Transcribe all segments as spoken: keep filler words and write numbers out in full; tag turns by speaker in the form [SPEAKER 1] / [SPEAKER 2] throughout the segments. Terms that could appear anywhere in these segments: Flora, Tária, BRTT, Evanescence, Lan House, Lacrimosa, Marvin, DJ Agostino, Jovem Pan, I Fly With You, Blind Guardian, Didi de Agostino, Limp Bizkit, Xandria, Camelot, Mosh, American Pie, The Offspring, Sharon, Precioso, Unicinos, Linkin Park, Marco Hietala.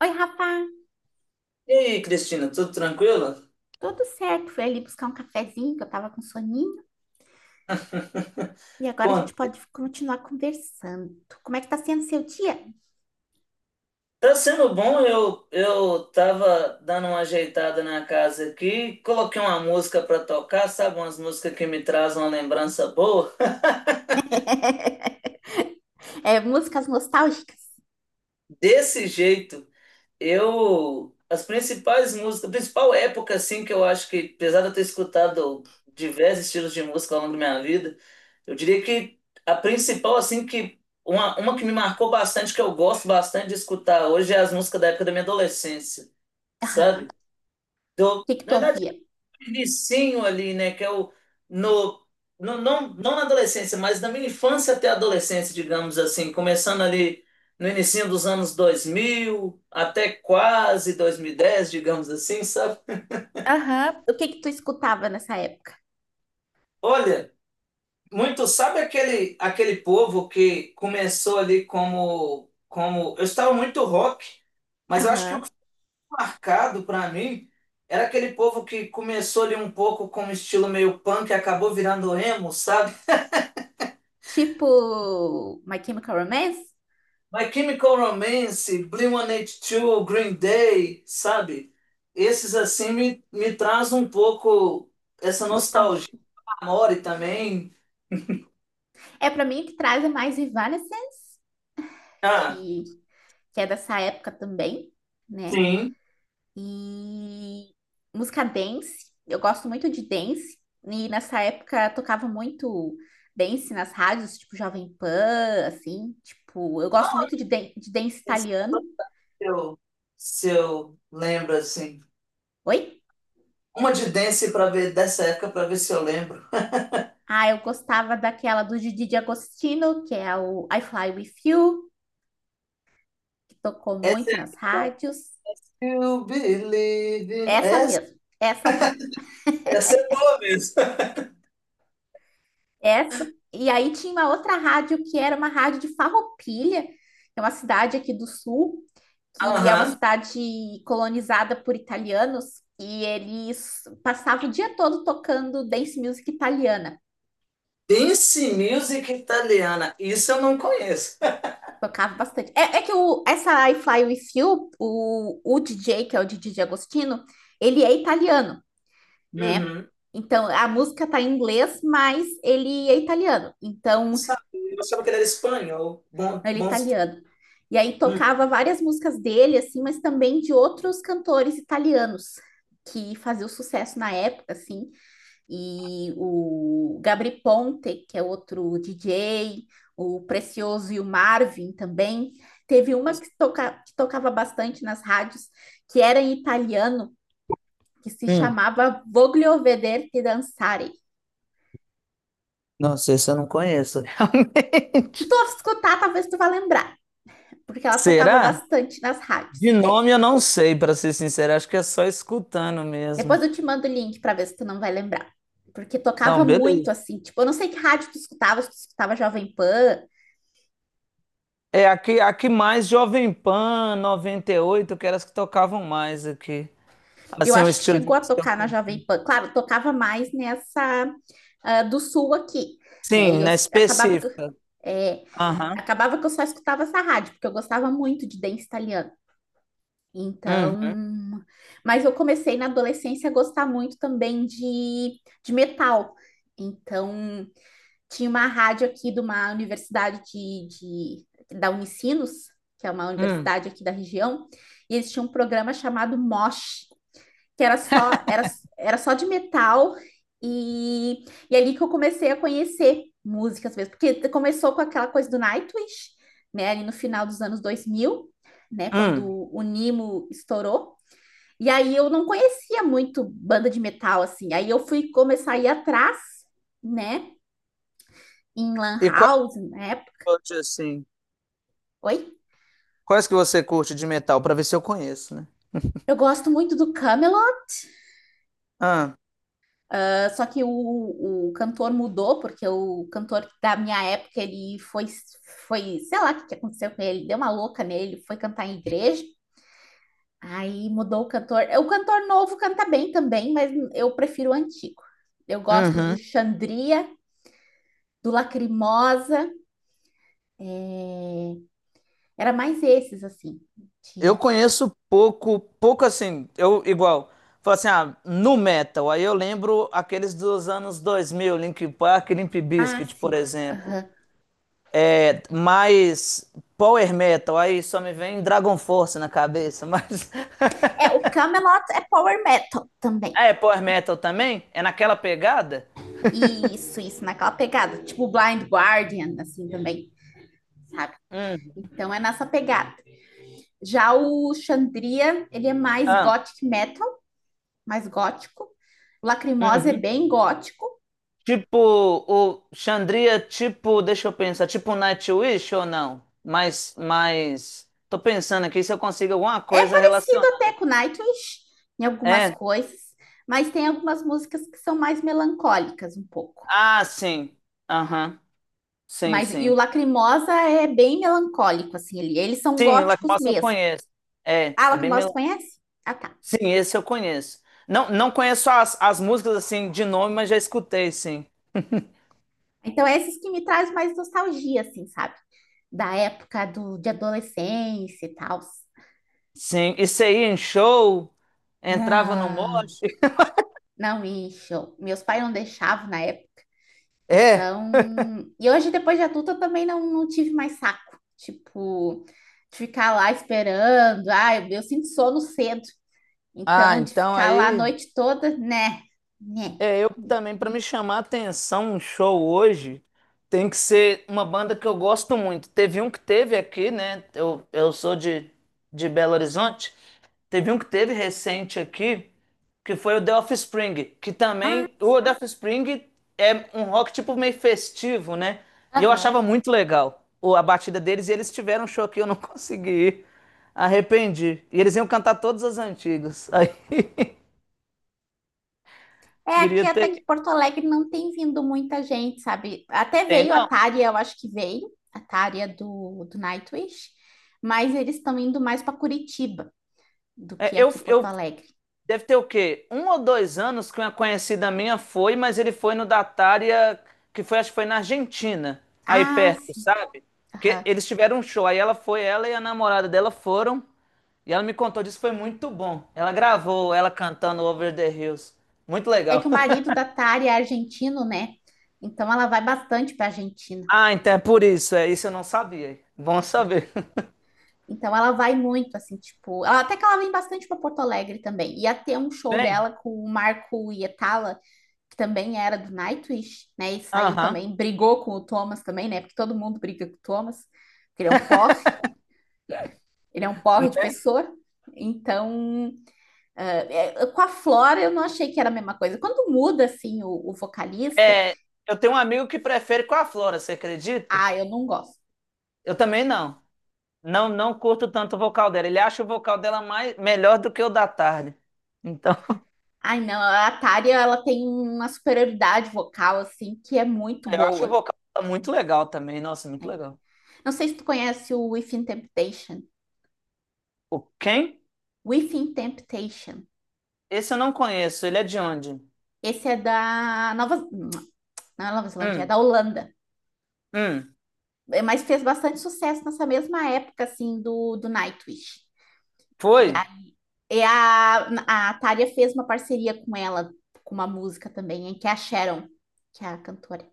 [SPEAKER 1] Oi, Rafa,
[SPEAKER 2] E aí, Cristina, tudo tranquilo?
[SPEAKER 1] tudo certo? Fui ali buscar um cafezinho, que eu tava com soninho, e agora a gente
[SPEAKER 2] Conta.
[SPEAKER 1] pode continuar conversando. Como é que tá sendo seu dia?
[SPEAKER 2] Tá sendo bom, eu, eu tava dando uma ajeitada na casa aqui, coloquei uma música pra tocar, sabe? Umas músicas que me trazem uma lembrança boa.
[SPEAKER 1] É, músicas nostálgicas?
[SPEAKER 2] Desse jeito. Eu, as principais músicas, a principal época, assim, que eu acho que, apesar de eu ter escutado diversos estilos de música ao longo da minha vida, eu diria que a principal, assim, que uma, uma que me marcou bastante, que eu gosto bastante de escutar hoje, é as músicas da época da minha adolescência, sabe?
[SPEAKER 1] Aham. O
[SPEAKER 2] Do,
[SPEAKER 1] que que
[SPEAKER 2] na
[SPEAKER 1] tu
[SPEAKER 2] verdade,
[SPEAKER 1] ouvia?
[SPEAKER 2] vicinho ali, né? Que é o no, no não, não na adolescência, mas na minha infância até a adolescência, digamos assim, começando ali no início dos anos dois mil até quase dois mil e dez, digamos assim, sabe?
[SPEAKER 1] Aham. O que que tu escutava nessa época?
[SPEAKER 2] Olha, muito sabe aquele aquele povo que começou ali como como eu estava muito rock, mas eu acho que o
[SPEAKER 1] Aham.
[SPEAKER 2] que foi marcado para mim era aquele povo que começou ali um pouco com um estilo meio punk e acabou virando emo, sabe?
[SPEAKER 1] Tipo My Chemical Romance?
[SPEAKER 2] My Chemical Romance, blink One Two, Green Day, sabe? Esses assim me, me traz um pouco essa nostalgia.
[SPEAKER 1] Nostalgia.
[SPEAKER 2] Amore também.
[SPEAKER 1] É, pra mim, o que traz é mais Evanescence,
[SPEAKER 2] Ah,
[SPEAKER 1] que, que é dessa época também, né?
[SPEAKER 2] sim.
[SPEAKER 1] E música dance, eu gosto muito de dance. E nessa época tocava muito dance nas rádios, tipo Jovem Pan, assim. Tipo, eu gosto muito de, dan- de dance
[SPEAKER 2] Esse é
[SPEAKER 1] italiano.
[SPEAKER 2] o que eu- se eu lembro assim.
[SPEAKER 1] Oi?
[SPEAKER 2] Uma de dance para ver dessa época para ver se eu lembro.
[SPEAKER 1] Ah, eu gostava daquela do Didi de Agostino, que é o I Fly With You, que tocou
[SPEAKER 2] Essa é
[SPEAKER 1] muito nas rádios.
[SPEAKER 2] You Believe. in-
[SPEAKER 1] Essa
[SPEAKER 2] Essa,
[SPEAKER 1] mesmo, essa mesmo.
[SPEAKER 2] essa é boa mesmo.
[SPEAKER 1] Essa. E aí tinha uma outra rádio que era uma rádio de Farroupilha, que é uma cidade aqui do sul, que é uma
[SPEAKER 2] Aham.
[SPEAKER 1] cidade colonizada por italianos, e eles passavam o dia todo tocando dance music italiana.
[SPEAKER 2] Dance Music Italiana. Isso eu não conheço.
[SPEAKER 1] Tocava bastante. É, é que o, essa I Fly With You, o, o D J, que é o D J Agostino, ele é italiano, né?
[SPEAKER 2] Uhum.
[SPEAKER 1] Então, a música tá em inglês, mas ele é italiano. Então,
[SPEAKER 2] Sabe? Eu achava que ele era espanhol. Bom,
[SPEAKER 1] ele é
[SPEAKER 2] bom.
[SPEAKER 1] italiano. E aí
[SPEAKER 2] Hum,
[SPEAKER 1] tocava várias músicas dele, assim, mas também de outros cantores italianos que faziam sucesso na época, assim, e o Gabri Ponte, que é outro D J, o Precioso e o Marvin também. Teve uma
[SPEAKER 2] nossa.
[SPEAKER 1] que, toca, que tocava bastante nas rádios, que era em italiano, que se
[SPEAKER 2] Hum,
[SPEAKER 1] chamava Voglio Vederti Danzare.
[SPEAKER 2] nossa, esse eu não conheço.
[SPEAKER 1] Se
[SPEAKER 2] Realmente.
[SPEAKER 1] tu escutar, talvez tu vá lembrar, porque ela tocava
[SPEAKER 2] Será?
[SPEAKER 1] bastante nas
[SPEAKER 2] De
[SPEAKER 1] rádios. É.
[SPEAKER 2] nome eu não sei, para ser sincero, acho que é só escutando mesmo.
[SPEAKER 1] Depois eu te mando o link para ver se tu não vai lembrar. Porque tocava
[SPEAKER 2] Não,
[SPEAKER 1] muito
[SPEAKER 2] beleza.
[SPEAKER 1] assim, tipo, eu não sei que rádio tu escutava, se tu escutava Jovem Pan.
[SPEAKER 2] É aqui, aqui mais Jovem Pan noventa e oito que eram as que tocavam mais aqui.
[SPEAKER 1] Eu
[SPEAKER 2] Assim, o
[SPEAKER 1] acho que
[SPEAKER 2] estilo de
[SPEAKER 1] chegou a
[SPEAKER 2] música que eu
[SPEAKER 1] tocar na
[SPEAKER 2] curti.
[SPEAKER 1] Jovem Pan. Claro, tocava mais nessa, ah, do sul aqui, né? E
[SPEAKER 2] Sim,
[SPEAKER 1] eu
[SPEAKER 2] na
[SPEAKER 1] acabava que
[SPEAKER 2] específica.
[SPEAKER 1] é,
[SPEAKER 2] Aham.
[SPEAKER 1] acabava que eu só escutava essa rádio, porque eu gostava muito de dance italiano. Então,
[SPEAKER 2] Hum,
[SPEAKER 1] mas eu comecei na adolescência a gostar muito também de, de metal. Então, tinha uma rádio aqui de uma universidade de, de- da Unicinos, que é uma
[SPEAKER 2] hum,
[SPEAKER 1] universidade aqui da região, e eles tinham um programa chamado Mosh, que era só era, era só de metal e, e ali que eu comecei a conhecer músicas mesmo, porque começou com aquela coisa do Nightwish, né, ali no final dos anos dois mil, né,
[SPEAKER 2] hum.
[SPEAKER 1] quando o Nimo estourou. E aí eu não conhecia muito banda de metal assim. Aí eu fui começar a ir atrás, né, em Lan
[SPEAKER 2] E quais,
[SPEAKER 1] House, né?
[SPEAKER 2] outras, assim,
[SPEAKER 1] Oi.
[SPEAKER 2] quais que você curte de metal, para ver se eu conheço, né?
[SPEAKER 1] Eu gosto muito do Camelot.
[SPEAKER 2] Ah.
[SPEAKER 1] Só que o, o cantor mudou, porque o cantor da minha época, ele foi, foi, sei lá o que que aconteceu com ele, deu uma louca nele, foi cantar em igreja, aí mudou o cantor. O cantor novo canta bem também, mas eu prefiro o antigo. Eu gosto do
[SPEAKER 2] Uhum.
[SPEAKER 1] Xandria, do Lacrimosa, é, era mais esses, assim,
[SPEAKER 2] Eu
[SPEAKER 1] de...
[SPEAKER 2] conheço pouco, pouco assim, eu igual, falo assim, ah, nu metal, aí eu lembro aqueles dos anos dois mil, Linkin Park, Limp
[SPEAKER 1] Ah,
[SPEAKER 2] Bizkit, por
[SPEAKER 1] sim,
[SPEAKER 2] exemplo.
[SPEAKER 1] aham.
[SPEAKER 2] É, mas power metal, aí só me vem Dragon Force na cabeça, mas...
[SPEAKER 1] É, o Camelot é power metal também.
[SPEAKER 2] Ah, é power metal também? É naquela pegada?
[SPEAKER 1] Isso, isso, naquela pegada, tipo Blind Guardian, assim, também.
[SPEAKER 2] Hum.
[SPEAKER 1] Então é nessa pegada. Já o Xandria, ele é mais
[SPEAKER 2] Ah,
[SPEAKER 1] gothic metal, mais gótico. O Lacrimosa é
[SPEAKER 2] uhum.
[SPEAKER 1] bem gótico.
[SPEAKER 2] Tipo, o Xandria, tipo, deixa eu pensar, tipo Nightwish ou não? Mas, mas, tô pensando aqui se eu consigo alguma
[SPEAKER 1] É
[SPEAKER 2] coisa
[SPEAKER 1] parecido até
[SPEAKER 2] relacionada.
[SPEAKER 1] com Nightwish em algumas
[SPEAKER 2] É,
[SPEAKER 1] coisas, mas tem algumas músicas que são mais melancólicas um pouco.
[SPEAKER 2] ah, sim, aham, sim,
[SPEAKER 1] Mas e o
[SPEAKER 2] sim.
[SPEAKER 1] Lacrimosa é bem melancólico assim, ele, eles são
[SPEAKER 2] Sim, o
[SPEAKER 1] góticos
[SPEAKER 2] Lacrimosa eu
[SPEAKER 1] mesmo.
[SPEAKER 2] conheço. É,
[SPEAKER 1] Ah, o
[SPEAKER 2] é bem
[SPEAKER 1] Lacrimosa tu
[SPEAKER 2] melódico.
[SPEAKER 1] conhece? Ah, tá.
[SPEAKER 2] Sim, esse eu conheço. Não, não conheço as, as músicas, assim, de nome, mas já escutei, sim.
[SPEAKER 1] Então é esses que me traz mais nostalgia assim, sabe? Da época do, de adolescência e tal.
[SPEAKER 2] Sim, isso aí em show, entrava no
[SPEAKER 1] Ah,
[SPEAKER 2] mosh.
[SPEAKER 1] não, isso. Meus pais não deixavam na época.
[SPEAKER 2] É,
[SPEAKER 1] Então. E hoje, depois de adulta, eu também não, não tive mais saco. Tipo, de ficar lá esperando. Ah, eu, eu sinto sono cedo.
[SPEAKER 2] ah,
[SPEAKER 1] Então, de
[SPEAKER 2] então
[SPEAKER 1] ficar lá a
[SPEAKER 2] aí.
[SPEAKER 1] noite toda, né? Né?
[SPEAKER 2] É, eu também, pra me chamar a atenção, um show hoje tem que ser uma banda que eu gosto muito. Teve um que teve aqui, né? Eu, eu sou de, de Belo Horizonte. Teve um que teve recente aqui, que foi o The Offspring, que
[SPEAKER 1] Ah,
[SPEAKER 2] também. O The Offspring é um rock tipo meio festivo, né? E eu
[SPEAKER 1] aham.
[SPEAKER 2] achava muito legal o- a batida deles, e eles tiveram um show aqui, eu não consegui ir. Arrependi. E eles iam cantar todas as antigas. Aí,
[SPEAKER 1] É,
[SPEAKER 2] queria
[SPEAKER 1] aqui
[SPEAKER 2] ter
[SPEAKER 1] até que
[SPEAKER 2] ido.
[SPEAKER 1] Porto Alegre não tem vindo muita gente, sabe? Até
[SPEAKER 2] Tem
[SPEAKER 1] veio a
[SPEAKER 2] não?
[SPEAKER 1] Tária, eu acho que veio, a Tária do, do Nightwish, mas eles estão indo mais para Curitiba do
[SPEAKER 2] É,
[SPEAKER 1] que
[SPEAKER 2] eu,
[SPEAKER 1] aqui Porto
[SPEAKER 2] eu
[SPEAKER 1] Alegre.
[SPEAKER 2] deve ter o quê? Um ou dois anos que uma conhecida minha foi, mas ele foi no Datária, que foi, acho que foi na Argentina, aí
[SPEAKER 1] Ah,
[SPEAKER 2] perto,
[SPEAKER 1] sim.
[SPEAKER 2] sabe? Que eles tiveram um show, aí ela foi, ela e a namorada dela foram, e ela me contou disso, foi muito bom. Ela gravou ela cantando Over the Hills. Muito
[SPEAKER 1] É que
[SPEAKER 2] legal.
[SPEAKER 1] o marido da Tari é argentino, né? Então ela vai bastante para Argentina,
[SPEAKER 2] Ah, então é por isso, é isso eu não sabia. Bom
[SPEAKER 1] né?
[SPEAKER 2] saber.
[SPEAKER 1] Então ela vai muito, assim, tipo, ela- até que ela vem bastante para Porto Alegre também. Ia ter um show
[SPEAKER 2] Bem,
[SPEAKER 1] dela com o Marco Hietala, que também era do Nightwish, né? E saiu
[SPEAKER 2] aham.
[SPEAKER 1] também, brigou com o Thomas também, né? Porque todo mundo briga com o Thomas, porque ele é um porre, ele é um porre de pessoa. Então, eh, eh, com a Flora eu não achei que era a mesma coisa. Quando muda assim o, o vocalista,
[SPEAKER 2] É, eu tenho um amigo que prefere com a Flora, você acredita?
[SPEAKER 1] ah, eu não gosto.
[SPEAKER 2] Eu também não. Não, não curto tanto o vocal dela. Ele acha o vocal dela mais, melhor do que o da tarde. Então,
[SPEAKER 1] Ai, não, a Tária, ela tem uma superioridade vocal, assim, que é muito
[SPEAKER 2] eu acho o
[SPEAKER 1] boa,
[SPEAKER 2] vocal dela muito legal também. Nossa, muito
[SPEAKER 1] né?
[SPEAKER 2] legal.
[SPEAKER 1] Não sei se tu conhece o Within Temptation.
[SPEAKER 2] O quem?
[SPEAKER 1] Within Temptation.
[SPEAKER 2] Esse eu não conheço. Ele é de onde?
[SPEAKER 1] Esse é da Nova... Não é Nova Zelândia, é
[SPEAKER 2] Hum,
[SPEAKER 1] da Holanda.
[SPEAKER 2] hum.
[SPEAKER 1] É, mas fez bastante sucesso nessa mesma época, assim, do, do Nightwish.
[SPEAKER 2] Foi?
[SPEAKER 1] E a, e a, a Tária fez uma parceria com ela, com uma música também, em que é a Sharon, que é a cantora.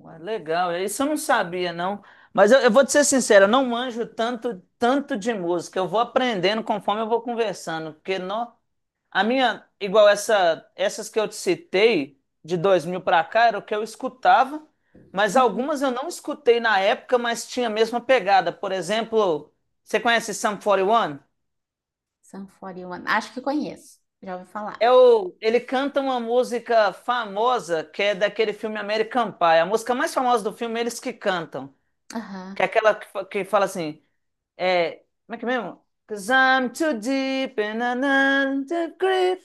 [SPEAKER 2] Ué, legal. Isso eu não sabia, não. Mas eu, eu vou te ser sincero, eu não manjo tanto, tanto de música. Eu vou aprendendo conforme eu vou conversando. Porque, não. A minha, igual essa, essas que eu te citei, de dois mil para cá, era o que eu escutava, mas
[SPEAKER 1] Uhum.
[SPEAKER 2] algumas eu não escutei na época, mas tinha a mesma pegada. Por exemplo, você conhece Sum quarenta e um?
[SPEAKER 1] Sun quarenta e um. Acho que conheço. Já ouvi falar.
[SPEAKER 2] É o, ele canta uma música famosa que é daquele filme American Pie. A música mais famosa do filme, é eles que cantam.
[SPEAKER 1] Aham.
[SPEAKER 2] Que é aquela que, fa- que fala assim, é, como é que é mesmo? Cause I'm too deep in another grave.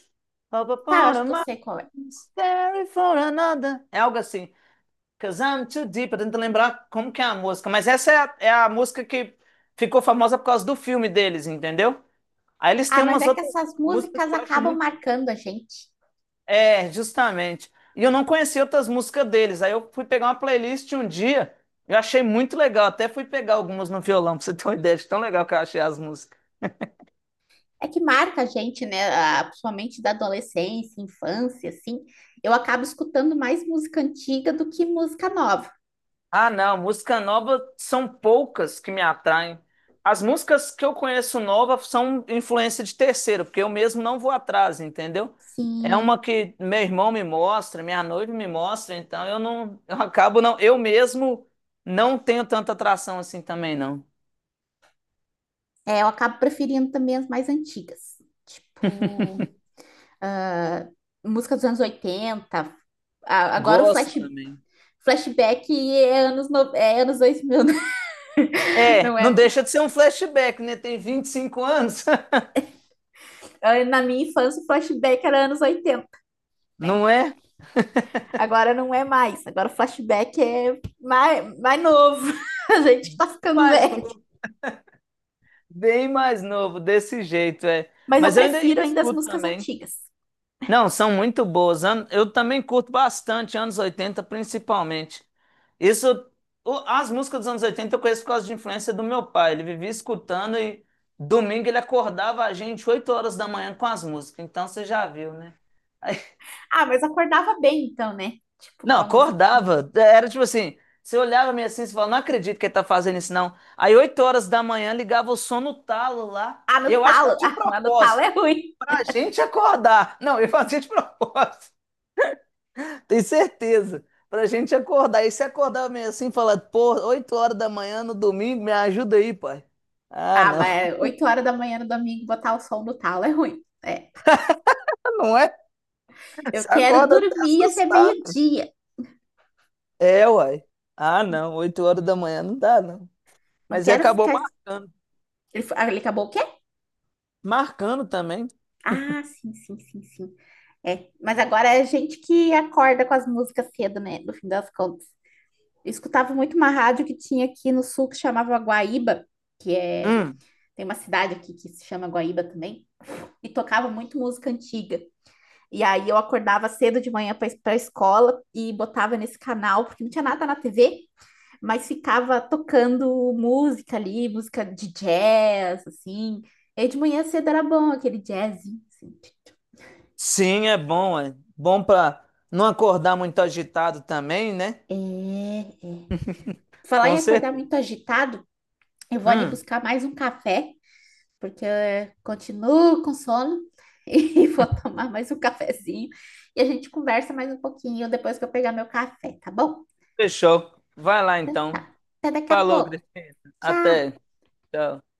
[SPEAKER 1] Tá, eu acho que eu sei
[SPEAKER 2] Sorry
[SPEAKER 1] qual é.
[SPEAKER 2] for another. É algo assim. Cause I'm too deep. Eu tô tentando lembrar como que é a música. Mas essa é a, é a música que ficou famosa por causa do filme deles, entendeu? Aí eles
[SPEAKER 1] Ah,
[SPEAKER 2] têm
[SPEAKER 1] mas
[SPEAKER 2] umas
[SPEAKER 1] é que
[SPEAKER 2] outras
[SPEAKER 1] essas
[SPEAKER 2] músicas
[SPEAKER 1] músicas
[SPEAKER 2] que eu acho
[SPEAKER 1] acabam
[SPEAKER 2] muito.
[SPEAKER 1] marcando a gente.
[SPEAKER 2] É, justamente. E eu não conhecia outras músicas deles. Aí eu fui pegar uma playlist um dia. Eu achei muito legal. Até fui pegar algumas no violão, pra você ter uma ideia de tão legal que eu achei as músicas.
[SPEAKER 1] É que marca a gente, né? Ah, principalmente da adolescência, infância, assim. Eu acabo escutando mais música antiga do que música nova.
[SPEAKER 2] Ah, não, música nova são poucas que me atraem. As músicas que eu conheço nova são influência de terceiro, porque eu mesmo não vou atrás, entendeu? É
[SPEAKER 1] Sim,
[SPEAKER 2] uma que meu irmão me mostra, minha noiva me mostra, então eu não, eu acabo não, eu mesmo não tenho tanta atração assim também não.
[SPEAKER 1] é, eu acabo preferindo também as mais antigas. Tipo, ah, música dos anos oitenta. Ah, agora o
[SPEAKER 2] Gosto
[SPEAKER 1] flash,
[SPEAKER 2] também.
[SPEAKER 1] flashback é anos, no- é anos dois mil, né?
[SPEAKER 2] É,
[SPEAKER 1] não
[SPEAKER 2] não
[SPEAKER 1] é?
[SPEAKER 2] deixa de ser um flashback, né? Tem vinte e cinco anos,
[SPEAKER 1] Ah, na minha infância, o flashback era anos oitenta, né?
[SPEAKER 2] não é?
[SPEAKER 1] Agora não é mais. Agora o flashback é mais, mais novo. A gente tá ficando
[SPEAKER 2] Mais
[SPEAKER 1] velho.
[SPEAKER 2] novo, bem mais novo, desse jeito, é.
[SPEAKER 1] Mas eu
[SPEAKER 2] Mas eu ainda, ainda
[SPEAKER 1] prefiro ainda as
[SPEAKER 2] escuto
[SPEAKER 1] músicas
[SPEAKER 2] também.
[SPEAKER 1] antigas.
[SPEAKER 2] Não, são muito boas. An- Eu também curto bastante anos oitenta, principalmente. Isso, o- as músicas dos anos oitenta eu conheço por causa de influência do meu pai. Ele vivia escutando e domingo ele acordava a gente oito horas da manhã com as músicas. Então você já viu, né?
[SPEAKER 1] Ah, mas acordava bem então, né? Tipo,
[SPEAKER 2] Não,
[SPEAKER 1] com a musiquinha.
[SPEAKER 2] acordava. Era tipo assim, você olhava meio assim e falava, não acredito que ele tá fazendo isso, não. Aí oito horas da manhã ligava o som no talo lá.
[SPEAKER 1] Ah, no
[SPEAKER 2] Eu acho que era
[SPEAKER 1] talo.
[SPEAKER 2] de
[SPEAKER 1] Ah, mas no talo é
[SPEAKER 2] propósito,
[SPEAKER 1] ruim.
[SPEAKER 2] pra gente acordar. Não, ele fazia de propósito. Tem certeza. Pra gente acordar. E se acordar meio assim, falar, pô, oito horas da manhã no domingo, me ajuda aí, pai. Ah,
[SPEAKER 1] Ah,
[SPEAKER 2] não,
[SPEAKER 1] mas é oito horas da manhã no domingo botar o som no talo é ruim. É.
[SPEAKER 2] não é?
[SPEAKER 1] Eu
[SPEAKER 2] Você
[SPEAKER 1] quero
[SPEAKER 2] acorda até
[SPEAKER 1] dormir até
[SPEAKER 2] assustado.
[SPEAKER 1] meio-dia.
[SPEAKER 2] É, uai. Ah, não, oito horas da manhã não dá, não.
[SPEAKER 1] Não
[SPEAKER 2] Mas aí
[SPEAKER 1] quero
[SPEAKER 2] acabou
[SPEAKER 1] ficar.
[SPEAKER 2] marcando.
[SPEAKER 1] Ele, ah, ele acabou o quê?
[SPEAKER 2] Marcando também.
[SPEAKER 1] Ah, sim, sim, sim, sim. É. Mas agora é gente que acorda com as músicas cedo, né? No fim das contas. Escutava muito uma rádio que tinha aqui no sul que chamava Guaíba, que é,
[SPEAKER 2] Hum,
[SPEAKER 1] tem uma cidade aqui que se chama Guaíba também, e tocava muito música antiga. E aí eu acordava cedo de manhã para para escola e botava nesse canal, porque não tinha nada na T V, mas ficava tocando música ali, música de jazz, assim. E aí de manhã cedo era bom aquele jazz. Assim.
[SPEAKER 2] sim, é bom, é. Bom pra não acordar muito agitado também, né?
[SPEAKER 1] É, é. Falar
[SPEAKER 2] Com
[SPEAKER 1] em acordar
[SPEAKER 2] certeza.
[SPEAKER 1] muito agitado, eu vou ali
[SPEAKER 2] Hum,
[SPEAKER 1] buscar mais um café porque eu continuo com sono e vou tomar mais um cafezinho e a gente conversa mais um pouquinho depois que eu pegar meu café, tá bom?
[SPEAKER 2] fechou. Vai lá
[SPEAKER 1] Então.
[SPEAKER 2] então.
[SPEAKER 1] Tá. Até daqui a
[SPEAKER 2] Falou,
[SPEAKER 1] pouco.
[SPEAKER 2] Cristina. Até.
[SPEAKER 1] Tchau!
[SPEAKER 2] Tchau.